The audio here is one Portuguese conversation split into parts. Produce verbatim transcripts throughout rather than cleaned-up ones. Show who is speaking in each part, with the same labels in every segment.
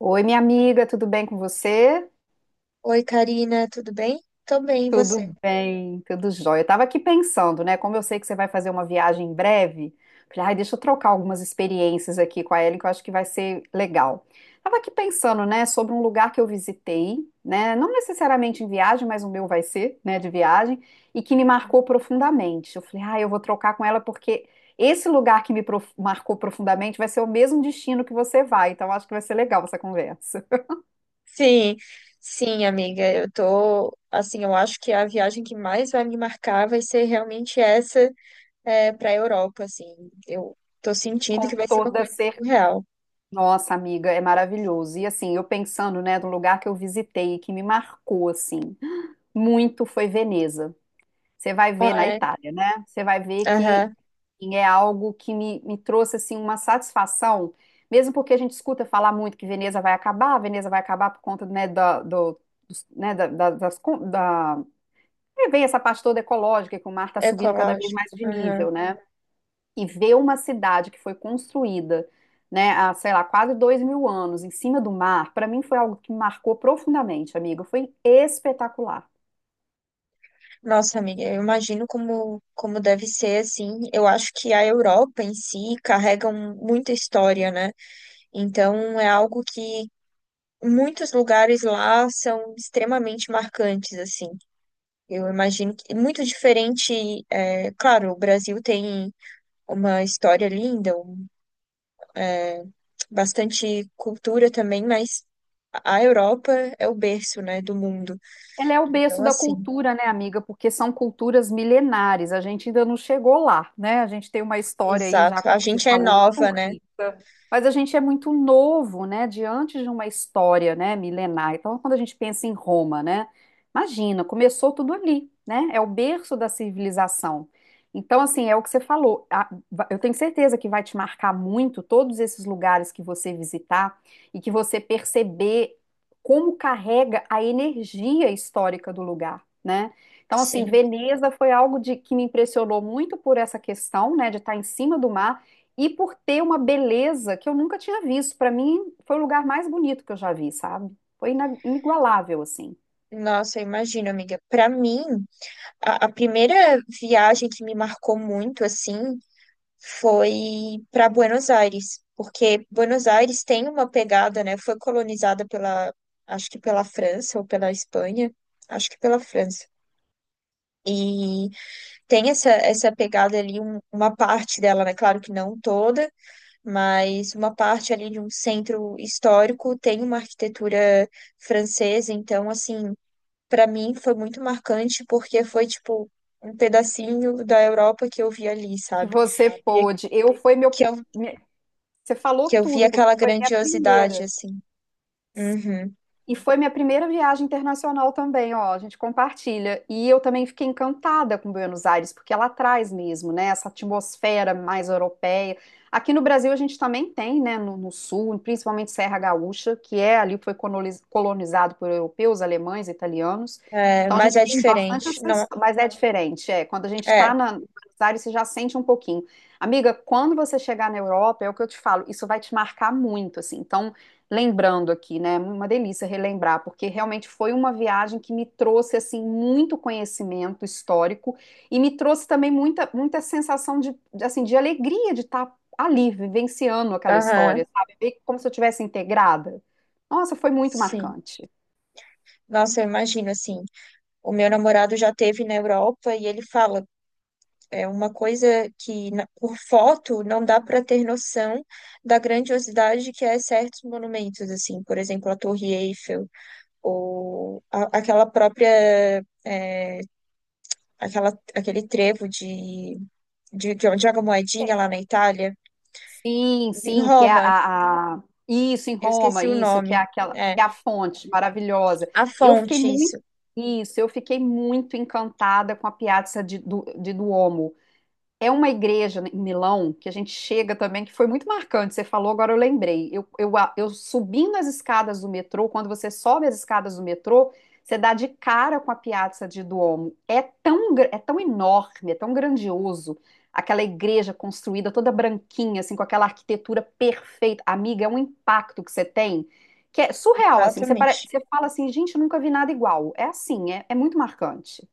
Speaker 1: Oi, minha amiga, tudo bem com você?
Speaker 2: Oi, Karina, tudo bem? Tô bem, e
Speaker 1: Tudo
Speaker 2: você?
Speaker 1: bem, tudo jóia. Eu tava aqui pensando, né? Como eu sei que você vai fazer uma viagem em breve, falei, ai, deixa eu trocar algumas experiências aqui com a Ellen, que eu acho que vai ser legal. Tava aqui pensando, né, sobre um lugar que eu visitei, né? Não necessariamente em viagem, mas o meu vai ser, né, de viagem, e que me marcou profundamente. Eu falei, ai, eu vou trocar com ela porque esse lugar que me prof- marcou profundamente vai ser o mesmo destino que você vai, então eu acho que vai ser legal essa conversa.
Speaker 2: Sim, sim, amiga, eu tô, assim, eu acho que a viagem que mais vai me marcar vai ser realmente essa é, para a Europa, assim. Eu tô sentindo que
Speaker 1: Com
Speaker 2: vai ser uma
Speaker 1: toda
Speaker 2: coisa
Speaker 1: certeza.
Speaker 2: surreal.
Speaker 1: Nossa, amiga, é maravilhoso. E assim, eu pensando, né, no lugar que eu visitei, que me marcou assim, muito foi Veneza. Você vai
Speaker 2: Ah,
Speaker 1: ver na
Speaker 2: é?
Speaker 1: Itália, né? Você vai ver que
Speaker 2: Aham.
Speaker 1: assim, é algo que me, me trouxe assim uma satisfação, mesmo porque a gente escuta falar muito que Veneza vai acabar, Veneza vai acabar por conta, né, da, do, dos- né, da, da- das, con- da... é, vem essa parte toda ecológica, que o mar está subindo cada vez
Speaker 2: Ecológico.
Speaker 1: mais de nível,
Speaker 2: Aham.
Speaker 1: né? E ver uma cidade que foi construída, né, há, sei lá, quase dois mil anos em cima do mar, para mim foi algo que me marcou profundamente, amiga. Foi espetacular.
Speaker 2: Nossa, amiga, eu imagino como, como deve ser, assim. Eu acho que a Europa em si carrega um- muita história, né? Então é algo que muitos lugares lá são extremamente marcantes, assim. Eu imagino que é muito diferente. É, claro, o Brasil tem uma história linda, um, é, bastante cultura também, mas a Europa é o berço, né, do mundo.
Speaker 1: Ela é o berço
Speaker 2: Então,
Speaker 1: da
Speaker 2: assim,
Speaker 1: cultura, né, amiga? Porque são culturas milenares. A gente ainda não chegou lá, né? A gente tem uma história aí já,
Speaker 2: exato. A
Speaker 1: como você
Speaker 2: gente é
Speaker 1: falou,
Speaker 2: nova,
Speaker 1: muito
Speaker 2: né?
Speaker 1: rica. Mas a gente é muito novo, né, diante de uma história, né, milenar. Então, quando a gente pensa em Roma, né, imagina, começou tudo ali, né? É o berço da civilização. Então, assim, é o que você falou. A- va- Eu tenho certeza que vai te marcar muito todos esses lugares que você visitar e que você perceber como carrega a energia histórica do lugar, né? Então, assim,
Speaker 2: Sim.
Speaker 1: Veneza foi algo de, que me impressionou muito por essa questão, né, de estar em cima do mar e por ter uma beleza que eu nunca tinha visto. Para mim, foi o lugar mais bonito que eu já vi, sabe? Foi ina- inigualável, assim.
Speaker 2: Nossa, eu imagino, amiga. Para mim, a, a primeira viagem que me marcou muito, assim, foi para Buenos Aires, porque Buenos Aires tem uma pegada, né? Foi colonizada pela, acho que pela França ou pela Espanha, acho que pela França. E tem essa, essa pegada ali, um- uma parte dela, né? Claro que não toda, mas uma parte ali de um centro histórico tem uma arquitetura francesa. Então, assim, para mim foi muito marcante porque foi tipo um pedacinho da Europa que eu vi ali,
Speaker 1: Que
Speaker 2: sabe?
Speaker 1: você
Speaker 2: E
Speaker 1: pôde. Eu foi meu.
Speaker 2: que eu
Speaker 1: minha- Você falou
Speaker 2: que eu vi
Speaker 1: tudo, porque
Speaker 2: aquela
Speaker 1: foi minha
Speaker 2: grandiosidade,
Speaker 1: primeira.
Speaker 2: assim. Uhum.
Speaker 1: E foi minha primeira viagem internacional também, ó, a gente compartilha. E eu também fiquei encantada com Buenos Aires, porque ela traz mesmo, né, essa atmosfera mais europeia. Aqui no Brasil a gente também tem, né, no, no sul, principalmente Serra Gaúcha, que é ali foi coloniz- colonizado por europeus, alemães, italianos.
Speaker 2: É,
Speaker 1: Então a
Speaker 2: mas
Speaker 1: gente
Speaker 2: é
Speaker 1: tem bastante
Speaker 2: diferente.
Speaker 1: essa
Speaker 2: Não,
Speaker 1: história, mas é diferente, é. Quando a gente
Speaker 2: é.
Speaker 1: está na em Buenos Aires, você já sente um pouquinho. Amiga, quando você chegar na Europa, é o que eu te falo, isso vai te marcar muito, assim. Então lembrando aqui, né? É uma delícia relembrar, porque realmente foi uma viagem que me trouxe assim muito conhecimento histórico e me trouxe também muita muita sensação de de, assim de alegria de estar ali vivenciando aquela
Speaker 2: Aham.
Speaker 1: história, sabe? Ver como se eu tivesse integrada. Nossa, foi muito
Speaker 2: Sim.
Speaker 1: marcante.
Speaker 2: Nossa, eu imagino, assim, o meu namorado já teve na Europa e ele fala, é uma coisa que na- por foto não dá para ter noção da grandiosidade que é certos monumentos, assim, por exemplo, a Torre Eiffel ou a- aquela própria, é, aquela, aquele trevo de, de, de onde joga a moedinha lá na Itália,
Speaker 1: Sim,
Speaker 2: em
Speaker 1: sim, que é
Speaker 2: Roma.
Speaker 1: a, a- isso em
Speaker 2: Eu
Speaker 1: Roma,
Speaker 2: esqueci o
Speaker 1: isso que é
Speaker 2: nome.
Speaker 1: aquela
Speaker 2: É,
Speaker 1: que é a fonte maravilhosa.
Speaker 2: a
Speaker 1: Eu fiquei
Speaker 2: fonte, isso,
Speaker 1: muito isso, eu fiquei muito encantada com a Piazza di, do di Duomo. É uma igreja em Milão que a gente chega também, que foi muito marcante. Você falou, agora eu lembrei. Eu, eu, a- eu subindo as escadas do metrô, quando você sobe as escadas do metrô, você dá de cara com a Piazza di Duomo. É tão, gra- é tão enorme, é tão grandioso. Aquela igreja construída toda branquinha, assim, com aquela arquitetura perfeita. Amiga, é um impacto que você tem que é surreal, assim. Você, pare-
Speaker 2: exatamente.
Speaker 1: você fala assim, gente, eu nunca vi nada igual. É assim, é, é muito marcante.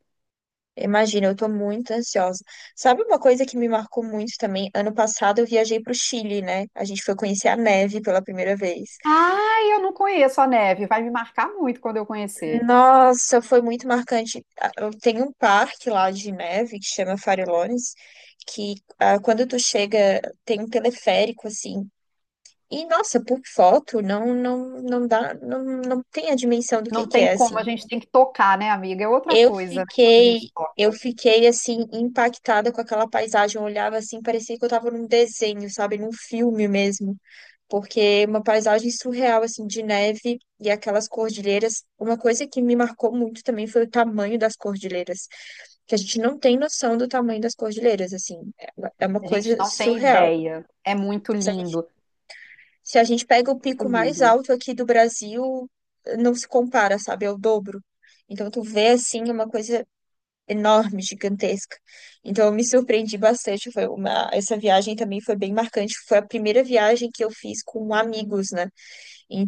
Speaker 2: Imagina, eu tô muito ansiosa. Sabe uma coisa que me marcou muito também? Ano passado eu viajei pro Chile, né? A gente foi conhecer a neve pela primeira vez.
Speaker 1: Ai, eu não conheço a neve. Vai me marcar muito quando eu conhecer.
Speaker 2: Nossa, foi muito marcante. Ah, eu- tem um parque lá de neve que chama Farellones, que ah, quando tu chega tem um teleférico assim. E nossa, por foto não, não, não dá, não, não tem a dimensão do que
Speaker 1: Não
Speaker 2: que
Speaker 1: tem
Speaker 2: é assim.
Speaker 1: como, a gente tem que tocar, né, amiga? É outra
Speaker 2: Eu
Speaker 1: coisa, né, quando a
Speaker 2: fiquei,
Speaker 1: gente
Speaker 2: eu
Speaker 1: toca.
Speaker 2: fiquei assim impactada com aquela paisagem. Eu olhava assim, parecia que eu estava num desenho, sabe, num filme mesmo, porque é uma paisagem surreal assim de neve e aquelas cordilheiras. Uma coisa que me marcou muito também foi o tamanho das cordilheiras, que a gente não tem noção do tamanho das cordilheiras, assim, é uma é uma
Speaker 1: A gente
Speaker 2: coisa
Speaker 1: não tem
Speaker 2: surreal.
Speaker 1: ideia. É muito
Speaker 2: Se a gente,
Speaker 1: lindo,
Speaker 2: se a gente pega o
Speaker 1: muito
Speaker 2: pico mais
Speaker 1: lindo.
Speaker 2: alto aqui do Brasil, não se compara, sabe, é o dobro. Então, tu vê, assim, uma coisa enorme, gigantesca. Então eu me surpreendi bastante. Foi uma... Essa viagem também foi bem marcante. Foi a primeira viagem que eu fiz com amigos, né?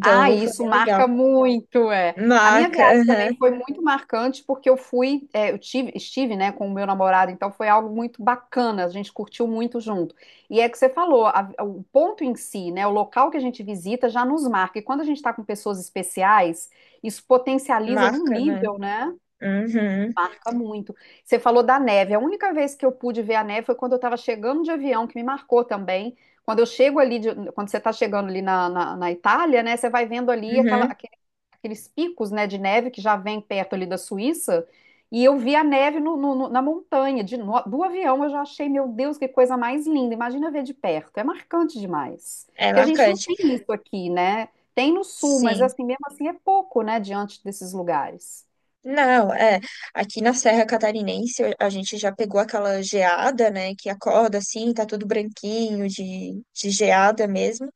Speaker 1: Ah,
Speaker 2: foi
Speaker 1: isso
Speaker 2: bem legal.
Speaker 1: marca muito, é. A minha
Speaker 2: Marca,
Speaker 1: viagem
Speaker 2: aham.
Speaker 1: também foi muito marcante porque eu fui, é, eu tive, estive, né, com o meu namorado, então foi algo muito bacana, a gente curtiu muito junto. E é que você falou, a- o ponto em si, né, o local que a gente visita já nos marca. E quando a gente está com pessoas especiais, isso potencializa num
Speaker 2: Marca, né?
Speaker 1: nível, né?
Speaker 2: Uhum,
Speaker 1: Marca muito. Você falou da neve. A única vez que eu pude ver a neve foi quando eu estava chegando de avião, que me marcou também. Quando eu chego ali, de- Quando você está chegando ali na, na, na Itália, né? Você vai vendo ali aquela,
Speaker 2: uhum.
Speaker 1: aquele- aqueles picos, né, de neve que já vem perto ali da Suíça. E eu vi a neve no, no- no- na montanha, de, no- do avião. Eu já achei, meu Deus, que coisa mais linda. Imagina ver de perto. É marcante demais.
Speaker 2: É
Speaker 1: Porque a gente não
Speaker 2: marcante.
Speaker 1: tem isso aqui, né? Tem no sul, mas
Speaker 2: Sim.
Speaker 1: assim, mesmo assim é pouco, né, diante desses lugares.
Speaker 2: Não, é. Aqui na Serra Catarinense a gente já pegou aquela geada, né? Que acorda assim, tá tudo branquinho de, de geada mesmo.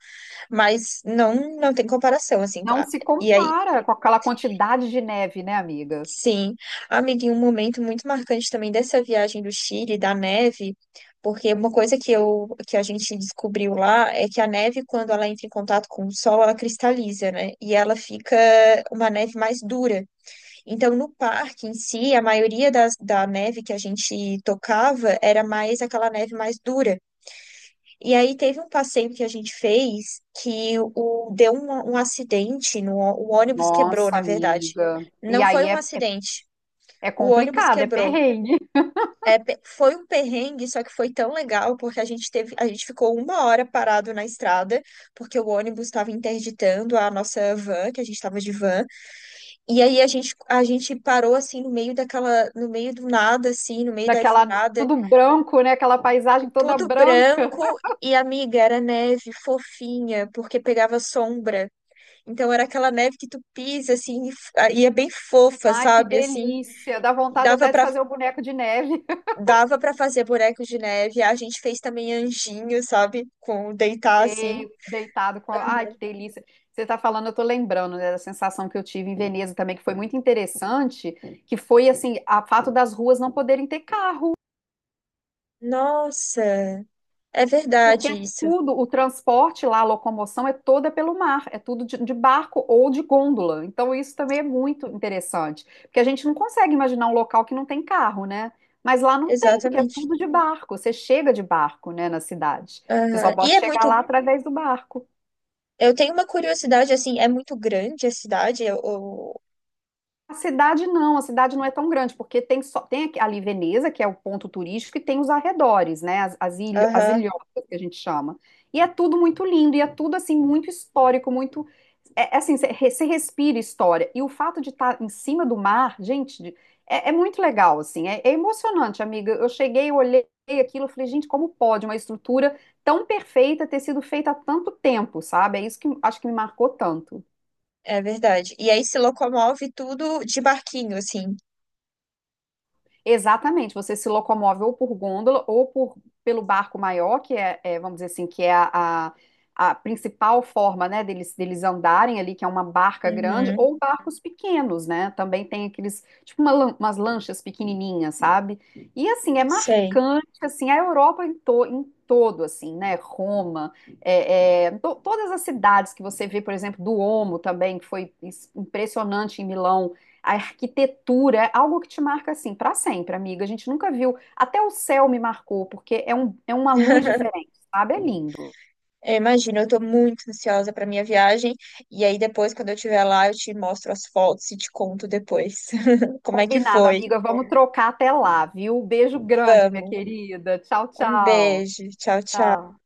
Speaker 2: Mas não, não tem comparação, assim, com
Speaker 1: Não
Speaker 2: a-
Speaker 1: se
Speaker 2: e aí,
Speaker 1: compara com aquela quantidade de neve, né, amiga?
Speaker 2: sim, amiga, e um momento muito marcante também dessa viagem do Chile, da neve, porque uma coisa que eu, que a gente descobriu lá é que a neve, quando ela entra em contato com o sol, ela cristaliza, né? E ela fica uma neve mais dura. Então, no parque em si, a maioria das, da neve que a gente tocava era mais aquela neve mais dura. E aí teve um passeio que a gente fez que o, deu um, um acidente, no, o ônibus quebrou,
Speaker 1: Nossa,
Speaker 2: na verdade.
Speaker 1: amiga. E
Speaker 2: Não foi
Speaker 1: aí
Speaker 2: um
Speaker 1: é,
Speaker 2: acidente,
Speaker 1: é
Speaker 2: o ônibus
Speaker 1: complicado, é
Speaker 2: quebrou.
Speaker 1: perrengue.
Speaker 2: É, pe- foi um perrengue, só que foi tão legal, porque a gente teve, a gente ficou uma hora parado na estrada, porque o ônibus estava interditando a nossa van, que a gente estava de van, e aí a gente, a gente parou assim no meio daquela, no meio do nada, assim, no meio da
Speaker 1: Daquela,
Speaker 2: estrada,
Speaker 1: tudo branco, né? Aquela paisagem toda
Speaker 2: tudo
Speaker 1: branca.
Speaker 2: branco, e amiga, era neve fofinha, porque pegava sombra. Então era aquela neve que tu pisa, assim, e f- e é bem fofa,
Speaker 1: Ai, que
Speaker 2: sabe? Assim,
Speaker 1: delícia. Dá
Speaker 2: que
Speaker 1: vontade
Speaker 2: dava
Speaker 1: até de
Speaker 2: para
Speaker 1: fazer o boneco de neve.
Speaker 2: dava pra fazer bonecos de neve. A gente fez também anjinho, sabe? Com deitar assim.
Speaker 1: Sei, deitado com. a- Ai, que delícia. Você está falando, eu estou lembrando, né, da sensação que eu tive em Veneza também, que foi muito interessante, que foi assim, a fato das ruas não poderem ter carro.
Speaker 2: Nossa, é
Speaker 1: Porque
Speaker 2: verdade
Speaker 1: é
Speaker 2: isso.
Speaker 1: tudo, o transporte lá, a locomoção é toda pelo mar, é tudo de, de barco ou de gôndola. Então isso também é muito interessante, porque a gente não consegue imaginar um local que não tem carro, né? Mas lá não tem, porque é
Speaker 2: Exatamente.
Speaker 1: tudo de barco. Você chega de barco, né, na cidade. Você só
Speaker 2: Aham. E
Speaker 1: pode
Speaker 2: é
Speaker 1: chegar
Speaker 2: muito.
Speaker 1: lá através do barco.
Speaker 2: Eu tenho uma curiosidade, assim, é muito grande a cidade. eu- eu-
Speaker 1: A cidade não, a cidade não é tão grande, porque tem só tem aqui- ali Veneza, que é o ponto turístico, e tem os arredores, né? As, as, ilho- as
Speaker 2: Aham,
Speaker 1: ilhotas que a gente chama. E é tudo muito lindo, e é tudo assim, muito histórico, muito. É, é assim, você re- você respira história. E o fato de estar em cima do mar, gente, de- é, é muito legal, assim, é, é emocionante, amiga. Eu cheguei, eu olhei aquilo, eu falei, gente, como pode uma estrutura tão perfeita ter sido feita há tanto tempo, sabe? É isso que acho que me marcou tanto.
Speaker 2: é verdade. E aí se locomove tudo de barquinho, assim.
Speaker 1: Exatamente, você se locomove ou por gôndola ou por, pelo barco maior, que é, é, vamos dizer assim, que é a, a, a principal forma, né, deles, deles andarem ali, que é uma barca grande,
Speaker 2: Uhum,
Speaker 1: ou barcos pequenos, né? Também tem aqueles, tipo uma lan- umas lanchas pequenininhas, sabe? E assim, é
Speaker 2: sei.
Speaker 1: marcante, assim, a Europa em, to- em todo, assim, né? Roma, é, é, to- todas as cidades que você vê, por exemplo, Duomo também, que foi is- impressionante em Milão a arquitetura, é algo que te marca assim para sempre, amiga. A gente nunca viu. Até o céu me marcou, porque é, um, é uma luz diferente, sabe? É lindo.
Speaker 2: Eu imagino, eu tô muito ansiosa pra minha viagem. E aí depois, quando eu estiver lá, eu te mostro as fotos e te conto depois como é que
Speaker 1: Combinado,
Speaker 2: foi.
Speaker 1: amiga. Vamos trocar até lá, viu? Beijo grande, minha
Speaker 2: Vamos.
Speaker 1: querida. Tchau,
Speaker 2: Um
Speaker 1: tchau.
Speaker 2: beijo. Tchau, tchau.
Speaker 1: Tchau.